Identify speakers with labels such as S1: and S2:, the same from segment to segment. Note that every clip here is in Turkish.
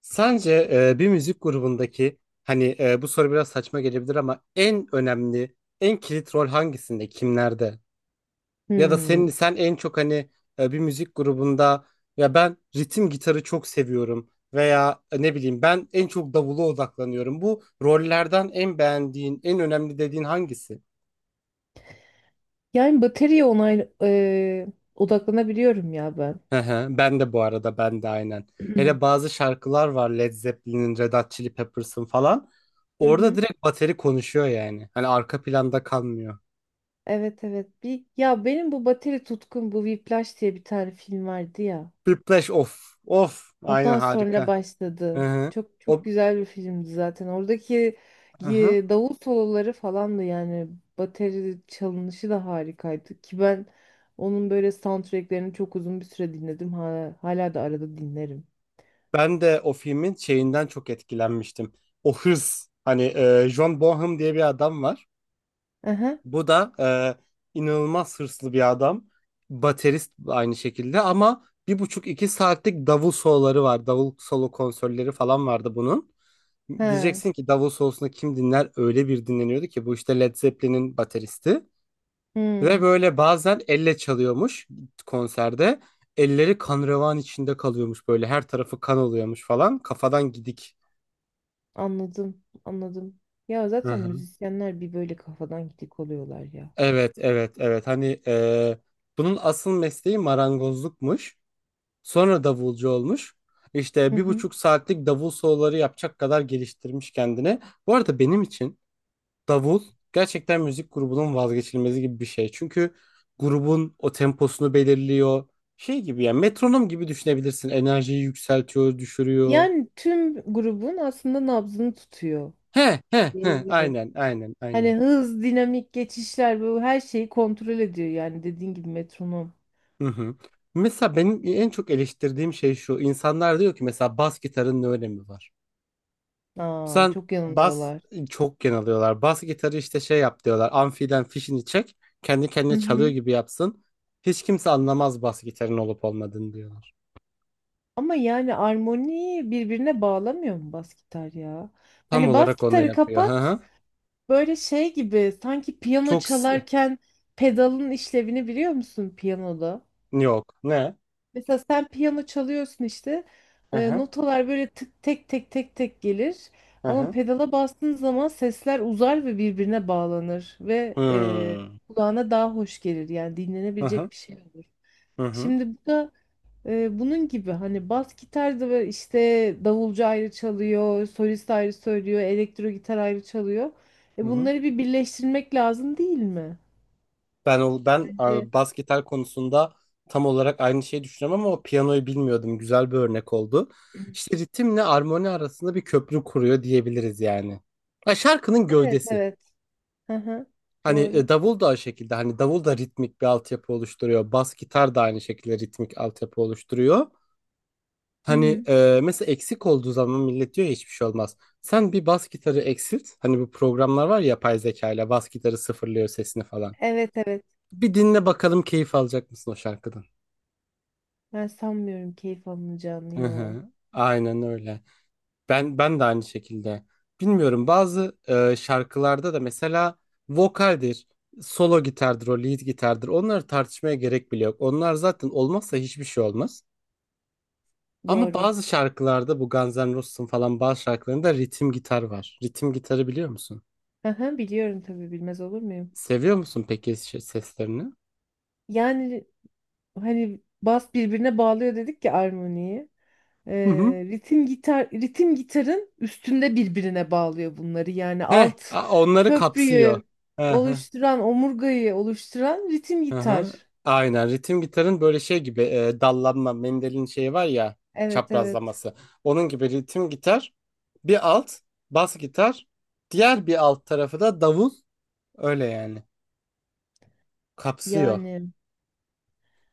S1: Sence bir müzik grubundaki hani bu soru biraz saçma gelebilir ama en önemli, en kilit rol hangisinde, kimlerde? Ya da senin
S2: Hmm.
S1: sen en çok hani bir müzik grubunda ya ben ritim gitarı çok seviyorum veya ne bileyim ben en çok davula odaklanıyorum. Bu rollerden en beğendiğin, en önemli dediğin hangisi?
S2: Yani bataryaya onay odaklanabiliyorum ya ben.
S1: Hı hı. Ben de bu arada ben de aynen. Hele bazı şarkılar var Led Zeppelin'in, Red Hot Chili Peppers'ın falan.
S2: Hı
S1: Orada
S2: hı.
S1: direkt bateri konuşuyor yani. Hani arka planda kalmıyor.
S2: Evet evet. Bir ya benim bu bateri tutkum bu Whiplash diye bir tane film vardı ya.
S1: Whiplash of of aynen
S2: Ondan sonra
S1: harika. Hı
S2: başladı.
S1: hı.
S2: Çok çok
S1: O
S2: güzel bir filmdi zaten. Oradaki
S1: hı hı.
S2: davul soloları falan da yani bateri çalınışı da harikaydı ki ben onun böyle soundtracklerini çok uzun bir süre dinledim. Hala, hala da arada dinlerim.
S1: Ben de o filmin şeyinden çok etkilenmiştim. O hırs hani John Bonham diye bir adam var.
S2: Aha.
S1: Bu da inanılmaz hırslı bir adam. Baterist aynı şekilde ama bir buçuk iki saatlik davul soloları var. Davul solo konserleri falan vardı bunun.
S2: Ha.
S1: Diyeceksin ki davul solosunu kim dinler? Öyle bir dinleniyordu ki bu işte Led Zeppelin'in bateristi. Ve
S2: Hmm.
S1: böyle bazen elle çalıyormuş konserde. Elleri kan revan içinde kalıyormuş böyle her tarafı kan oluyormuş falan. Kafadan gidik.
S2: Anladım, anladım. Ya
S1: Hı
S2: zaten
S1: hı.
S2: müzisyenler bir böyle kafadan gidik oluyorlar ya.
S1: Evet, evet, evet, hani bunun asıl mesleği marangozlukmuş. Sonra davulcu olmuş.
S2: Hı
S1: İşte bir
S2: hı.
S1: buçuk saatlik davul soloları yapacak kadar geliştirmiş kendini. Bu arada benim için davul gerçekten müzik grubunun vazgeçilmezi gibi bir şey. Çünkü grubun o temposunu belirliyor. Şey gibi ya metronom gibi düşünebilirsin. Enerjiyi yükseltiyor, düşürüyor.
S2: Yani tüm grubun aslında nabzını tutuyor
S1: He he he
S2: diyebiliriz.
S1: aynen aynen aynen.
S2: Hani hız, dinamik geçişler bu her şeyi kontrol ediyor yani dediğin gibi metronom.
S1: Hı hı. Mesela benim en çok eleştirdiğim şey şu. İnsanlar diyor ki mesela bas gitarın ne önemi var?
S2: Aa,
S1: Sen
S2: çok
S1: bas
S2: yanılıyorlar.
S1: çok geneliyorlar. Bas gitarı işte şey yap diyorlar. Amfiden fişini çek. Kendi
S2: Hı
S1: kendine çalıyor
S2: hı.
S1: gibi yapsın. Hiç kimse anlamaz bas gitarın olup olmadığını diyorlar.
S2: Ama yani armoniyi birbirine bağlamıyor mu bas gitar ya?
S1: Tam
S2: Hani bas
S1: olarak onu
S2: gitarı
S1: yapıyor. Hı
S2: kapat
S1: hı.
S2: böyle şey gibi sanki piyano
S1: Çok s-
S2: çalarken pedalın işlevini biliyor musun piyanoda?
S1: yok. Ne?
S2: Mesela sen piyano çalıyorsun işte.
S1: Hı hı.
S2: Notalar böyle tık tek tek tek tek gelir.
S1: Hı
S2: Ama
S1: hı.
S2: pedala bastığın zaman sesler uzar ve birbirine bağlanır ve
S1: Hmm.
S2: kulağına daha hoş gelir. Yani
S1: Hı hı.
S2: dinlenebilecek bir şey olur.
S1: Hı hı.
S2: Şimdi bu da bunun gibi hani bas gitar da böyle işte davulcu ayrı çalıyor, solist ayrı söylüyor, elektro gitar ayrı çalıyor. E
S1: Hı hı.
S2: bunları bir birleştirmek lazım değil mi?
S1: Ben o ben
S2: Bence.
S1: a, bas gitar konusunda tam olarak aynı şeyi düşünüyorum ama o piyanoyu bilmiyordum. Güzel bir örnek oldu. İşte ritimle armoni arasında bir köprü kuruyor diyebiliriz yani. Ha, şarkının
S2: Evet
S1: gövdesi.
S2: evet. Hı hı.
S1: Hani
S2: Doğru.
S1: davul da aynı şekilde hani davul da ritmik bir altyapı oluşturuyor. Bas gitar da aynı şekilde ritmik altyapı oluşturuyor.
S2: Hı
S1: Hani
S2: hı.
S1: mesela eksik olduğu zaman millet diyor ya hiçbir şey olmaz. Sen bir bas gitarı eksilt. Hani bu programlar var ya yapay zeka ile bas gitarı sıfırlıyor sesini falan.
S2: Evet evet.
S1: Bir dinle bakalım keyif alacak mısın o şarkıdan?
S2: Ben sanmıyorum keyif alınacağını
S1: Hı
S2: ya.
S1: hı. Aynen öyle. Ben de aynı şekilde. Bilmiyorum bazı şarkılarda da mesela vokaldir, solo gitardır, o lead gitardır. Onları tartışmaya gerek bile yok. Onlar zaten olmazsa hiçbir şey olmaz. Ama
S2: Doğru.
S1: bazı şarkılarda bu Guns N' Roses'ın falan bazı şarkılarında ritim gitar var. Ritim gitarı biliyor musun?
S2: Aha, biliyorum tabii bilmez olur muyum?
S1: Seviyor musun peki şey- seslerini?
S2: Yani hani bas birbirine bağlıyor dedik ya armoniyi.
S1: Hı hı.
S2: Ritim gitar ritim gitarın üstünde birbirine bağlıyor bunları. Yani
S1: Heh,
S2: alt
S1: a- onları kapsıyor.
S2: köprüyü oluşturan, omurgayı oluşturan ritim
S1: Hı hı.
S2: gitar.
S1: Aynen ritim gitarın böyle şey gibi dallanma Mendel'in şeyi var ya
S2: Evet evet.
S1: çaprazlaması. Onun gibi ritim gitar bir alt bas gitar diğer bir alt tarafı da davul öyle yani kapsıyor.
S2: Yani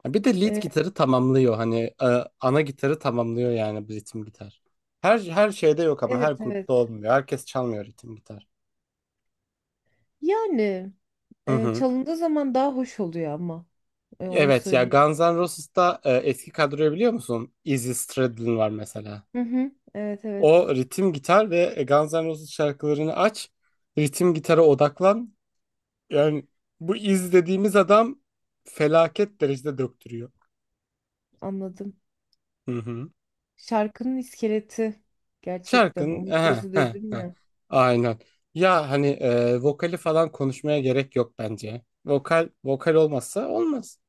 S1: Ha, bir de lead
S2: e,
S1: gitarı tamamlıyor hani ana gitarı tamamlıyor yani bu ritim gitar. Her şeyde yok ama her
S2: evet evet.
S1: grupta olmuyor. Herkes çalmıyor ritim gitar.
S2: Yani
S1: Hı hı.
S2: çalındığı zaman daha hoş oluyor ama E, onu
S1: Evet ya
S2: söyleyeyim.
S1: Guns N' Roses'ta eski kadroyu biliyor musun? Izzy Stradlin var mesela.
S2: Hı hı. Evet evet.
S1: O ritim gitar ve Guns N' Roses şarkılarını aç. Ritim gitara odaklan. Yani bu izlediğimiz adam felaket derecede döktürüyor.
S2: Anladım.
S1: Hı hı.
S2: Şarkının iskeleti gerçekten
S1: Şarkının aha,
S2: omurgası
S1: aha,
S2: dedim
S1: aha.
S2: ya.
S1: Aynen. Ya hani vokali falan konuşmaya gerek yok bence. Vokal olmazsa olmaz.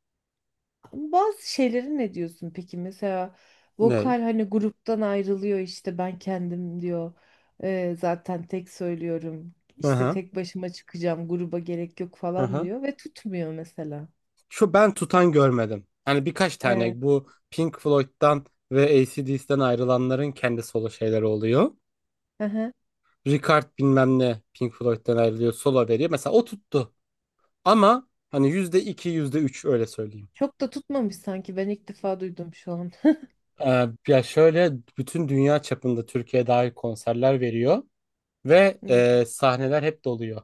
S2: Ama bazı şeylere ne diyorsun peki? Mesela
S1: Ne?
S2: vokal hani gruptan ayrılıyor işte ben kendim diyor. Zaten tek söylüyorum.
S1: Hı
S2: İşte
S1: hı.
S2: tek başıma çıkacağım gruba gerek yok
S1: Hı
S2: falan
S1: hı.
S2: diyor ve tutmuyor mesela.
S1: Şu ben tutan görmedim. Hani birkaç tane
S2: Evet.
S1: bu Pink Floyd'dan ve AC/DC'den ayrılanların kendi solo şeyleri oluyor.
S2: Hı hı.
S1: Ricard bilmem ne Pink Floyd'den ayrılıyor solo veriyor. Mesela o tuttu ama hani yüzde iki yüzde üç öyle söyleyeyim.
S2: Çok da tutmamış sanki ben ilk defa duydum şu an.
S1: Ya şöyle bütün dünya çapında Türkiye dahil konserler veriyor ve
S2: Hmm.
S1: sahneler hep doluyor.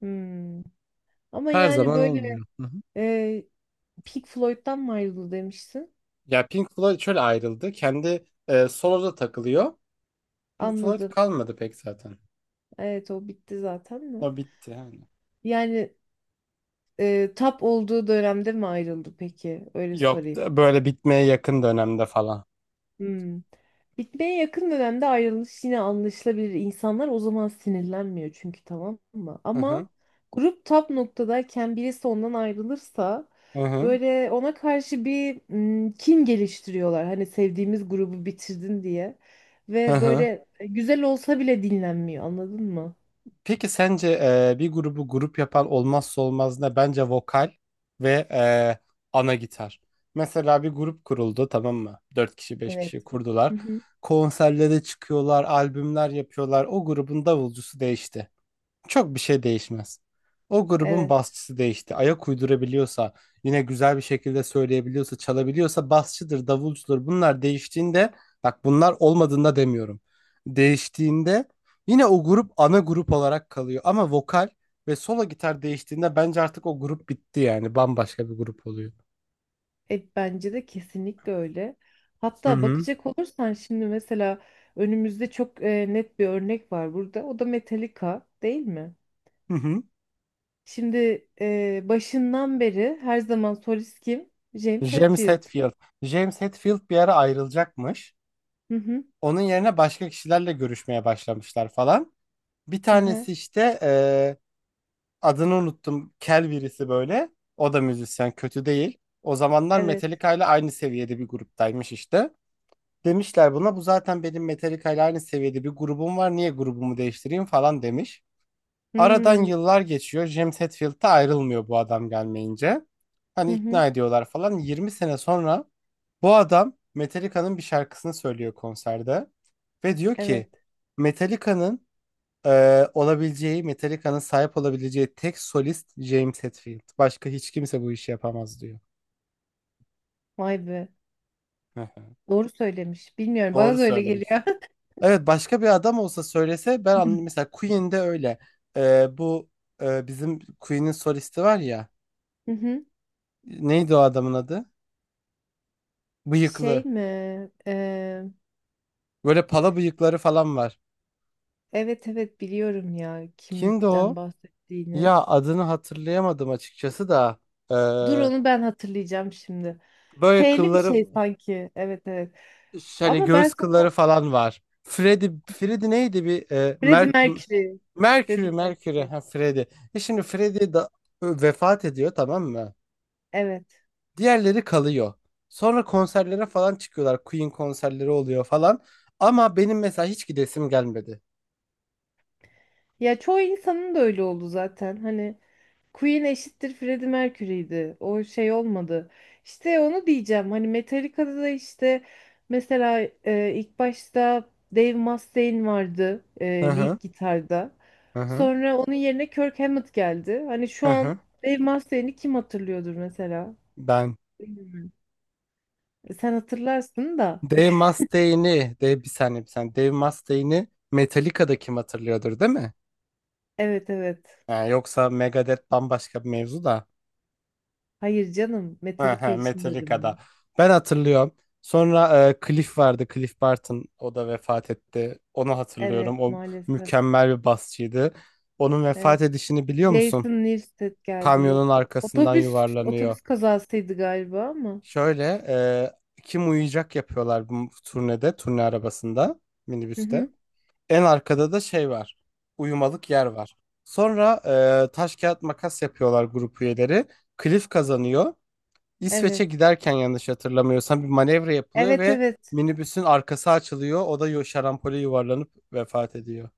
S2: Hmm. Ama
S1: Her
S2: yani
S1: zaman
S2: böyle
S1: olmuyor. Hı hı.
S2: e, Pink Floyd'dan mı ayrıldı demişsin?
S1: Ya Pink Floyd şöyle ayrıldı. Kendi soloda takılıyor. Pink Floyd
S2: Anladım.
S1: kalmadı pek zaten.
S2: Evet o bitti zaten mi?
S1: O bitti yani.
S2: Yani tap olduğu dönemde mi ayrıldı peki? Öyle
S1: Yok
S2: sorayım.
S1: da böyle bitmeye yakın dönemde falan.
S2: Hmm. Bitmeye yakın dönemde ayrılış yine anlaşılabilir. İnsanlar o zaman sinirlenmiyor çünkü tamam mı?
S1: Hı hı.
S2: Ama grup tap noktadayken birisi ondan ayrılırsa
S1: Hı hı.
S2: böyle ona karşı bir kin geliştiriyorlar. Hani sevdiğimiz grubu bitirdin diye.
S1: Hı
S2: Ve
S1: hı.
S2: böyle güzel olsa bile dinlenmiyor anladın mı?
S1: Peki sence bir grubu grup yapan olmazsa olmaz ne? Bence vokal ve ana gitar. Mesela bir grup kuruldu tamam mı? 4 kişi beş
S2: Evet.
S1: kişi
S2: Hı
S1: kurdular.
S2: hı.
S1: Konserlere çıkıyorlar, albümler yapıyorlar. O grubun davulcusu değişti. Çok bir şey değişmez. O grubun
S2: Evet.
S1: basçısı değişti. Ayak uydurabiliyorsa, yine güzel bir şekilde söyleyebiliyorsa, çalabiliyorsa basçıdır, davulcudur. Bunlar değiştiğinde, bak bunlar olmadığında demiyorum. Değiştiğinde yine o grup ana grup olarak kalıyor. Ama vokal ve solo gitar değiştiğinde bence artık o grup bitti yani. Bambaşka bir grup oluyor.
S2: E, bence de kesinlikle öyle.
S1: Hı
S2: Hatta
S1: hı.
S2: bakacak olursan şimdi mesela önümüzde çok net bir örnek var burada. O da Metallica değil mi?
S1: Hı hı.
S2: Şimdi başından beri her zaman solist kim? James
S1: James
S2: Hetfield.
S1: Hetfield. James Hetfield bir ara ayrılacakmış.
S2: Hı hı.
S1: Onun yerine başka kişilerle görüşmeye başlamışlar falan. Bir
S2: Hı hı.
S1: tanesi işte adını unuttum. Kel birisi böyle. O da müzisyen kötü değil. O zamanlar
S2: Evet.
S1: Metallica ile aynı seviyede bir gruptaymış işte. Demişler buna bu zaten benim Metallica ile aynı seviyede bir grubum var. Niye grubumu değiştireyim falan demiş. Aradan
S2: Hmm.
S1: yıllar geçiyor. James Hetfield'da ayrılmıyor bu adam gelmeyince.
S2: Hı
S1: Hani
S2: hı.
S1: ikna ediyorlar falan. 20 sene sonra bu adam Metallica'nın bir şarkısını söylüyor konserde. Ve diyor ki
S2: Evet.
S1: Metallica'nın olabileceği, Metallica'nın sahip olabileceği tek solist James Hetfield. Başka hiç kimse bu işi yapamaz diyor.
S2: Vay be.
S1: Hı hı.
S2: Doğru söylemiş. Bilmiyorum. Bana
S1: Doğru
S2: da öyle
S1: söylemiş.
S2: geliyor.
S1: Evet başka bir adam olsa söylese ben anladım. Mesela Queen'de öyle. Ee, bu bizim Queen'in solisti var ya.
S2: Hı hı.
S1: Neydi o adamın adı?
S2: Şey
S1: Bıyıklı.
S2: mi? Eee,
S1: Böyle pala bıyıkları falan var.
S2: evet evet biliyorum ya
S1: Kimdi
S2: kimden
S1: o?
S2: bahsettiğini.
S1: Ya adını hatırlayamadım açıkçası da. Ee,
S2: Dur onu ben hatırlayacağım şimdi.
S1: böyle
S2: F'li bir
S1: kılları
S2: şey sanki. Evet evet.
S1: Ş- hani
S2: Ama ben
S1: göğüs
S2: sana
S1: kılları falan var. Freddy, Freddy neydi bir
S2: Freddie
S1: Merk
S2: Mercury. Freddie
S1: Mercury, Mercury,
S2: Mercury.
S1: ha Freddy. E şimdi Freddy da vefat ediyor tamam mı?
S2: Evet.
S1: Diğerleri kalıyor. Sonra konserlere falan çıkıyorlar. Queen konserleri oluyor falan. Ama benim mesela hiç gidesim gelmedi.
S2: Ya çoğu insanın da öyle oldu zaten. Hani Queen eşittir Freddie Mercury'ydi. O şey olmadı. İşte onu diyeceğim. Hani Metallica'da da işte mesela ilk başta Dave Mustaine vardı
S1: Hı hı,
S2: lead gitarda.
S1: hı hı,
S2: Sonra onun yerine Kirk Hammett geldi. Hani
S1: hı
S2: şu an
S1: hı.
S2: Dave Mustaine'i kim hatırlıyordur mesela?
S1: Ben
S2: E, sen hatırlarsın da.
S1: Dave Mustaine'i, Dave bir saniye bir saniye. Dave Mustaine'i Metallica'da kim hatırlıyordur değil mi?
S2: Evet evet.
S1: Ha, yoksa Megadeth bambaşka bir mevzu da.
S2: Hayır canım.
S1: Ha,
S2: Metallica
S1: ha,
S2: için dedim
S1: Metallica'da.
S2: ben.
S1: Ben hatırlıyorum. Sonra Cliff vardı. Cliff Barton. O da vefat etti. Onu
S2: Evet
S1: hatırlıyorum. O
S2: maalesef.
S1: mükemmel bir basçıydı. Onun
S2: Evet.
S1: vefat edişini biliyor musun?
S2: Jason Newsted geldi
S1: Kamyonun
S2: yok.
S1: arkasından
S2: Otobüs
S1: yuvarlanıyor.
S2: otobüs kazasıydı galiba ama.
S1: Şöyle kim uyuyacak yapıyorlar bu turnede. Turne arabasında.
S2: Hı
S1: Minibüste.
S2: hı.
S1: En arkada da şey var. Uyumalık yer var. Sonra taş kağıt makas yapıyorlar grup üyeleri. Cliff kazanıyor. İsveç'e
S2: Evet.
S1: giderken yanlış hatırlamıyorsam bir manevra yapılıyor
S2: Evet
S1: ve
S2: evet.
S1: minibüsün arkası açılıyor. O da yo- şarampole yuvarlanıp vefat ediyor.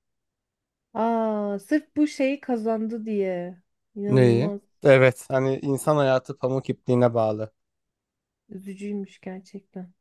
S2: Aa, sırf bu şeyi kazandı diye.
S1: Neyi?
S2: İnanılmaz
S1: Evet, hani insan hayatı pamuk ipliğine bağlı.
S2: üzücüymüş gerçekten.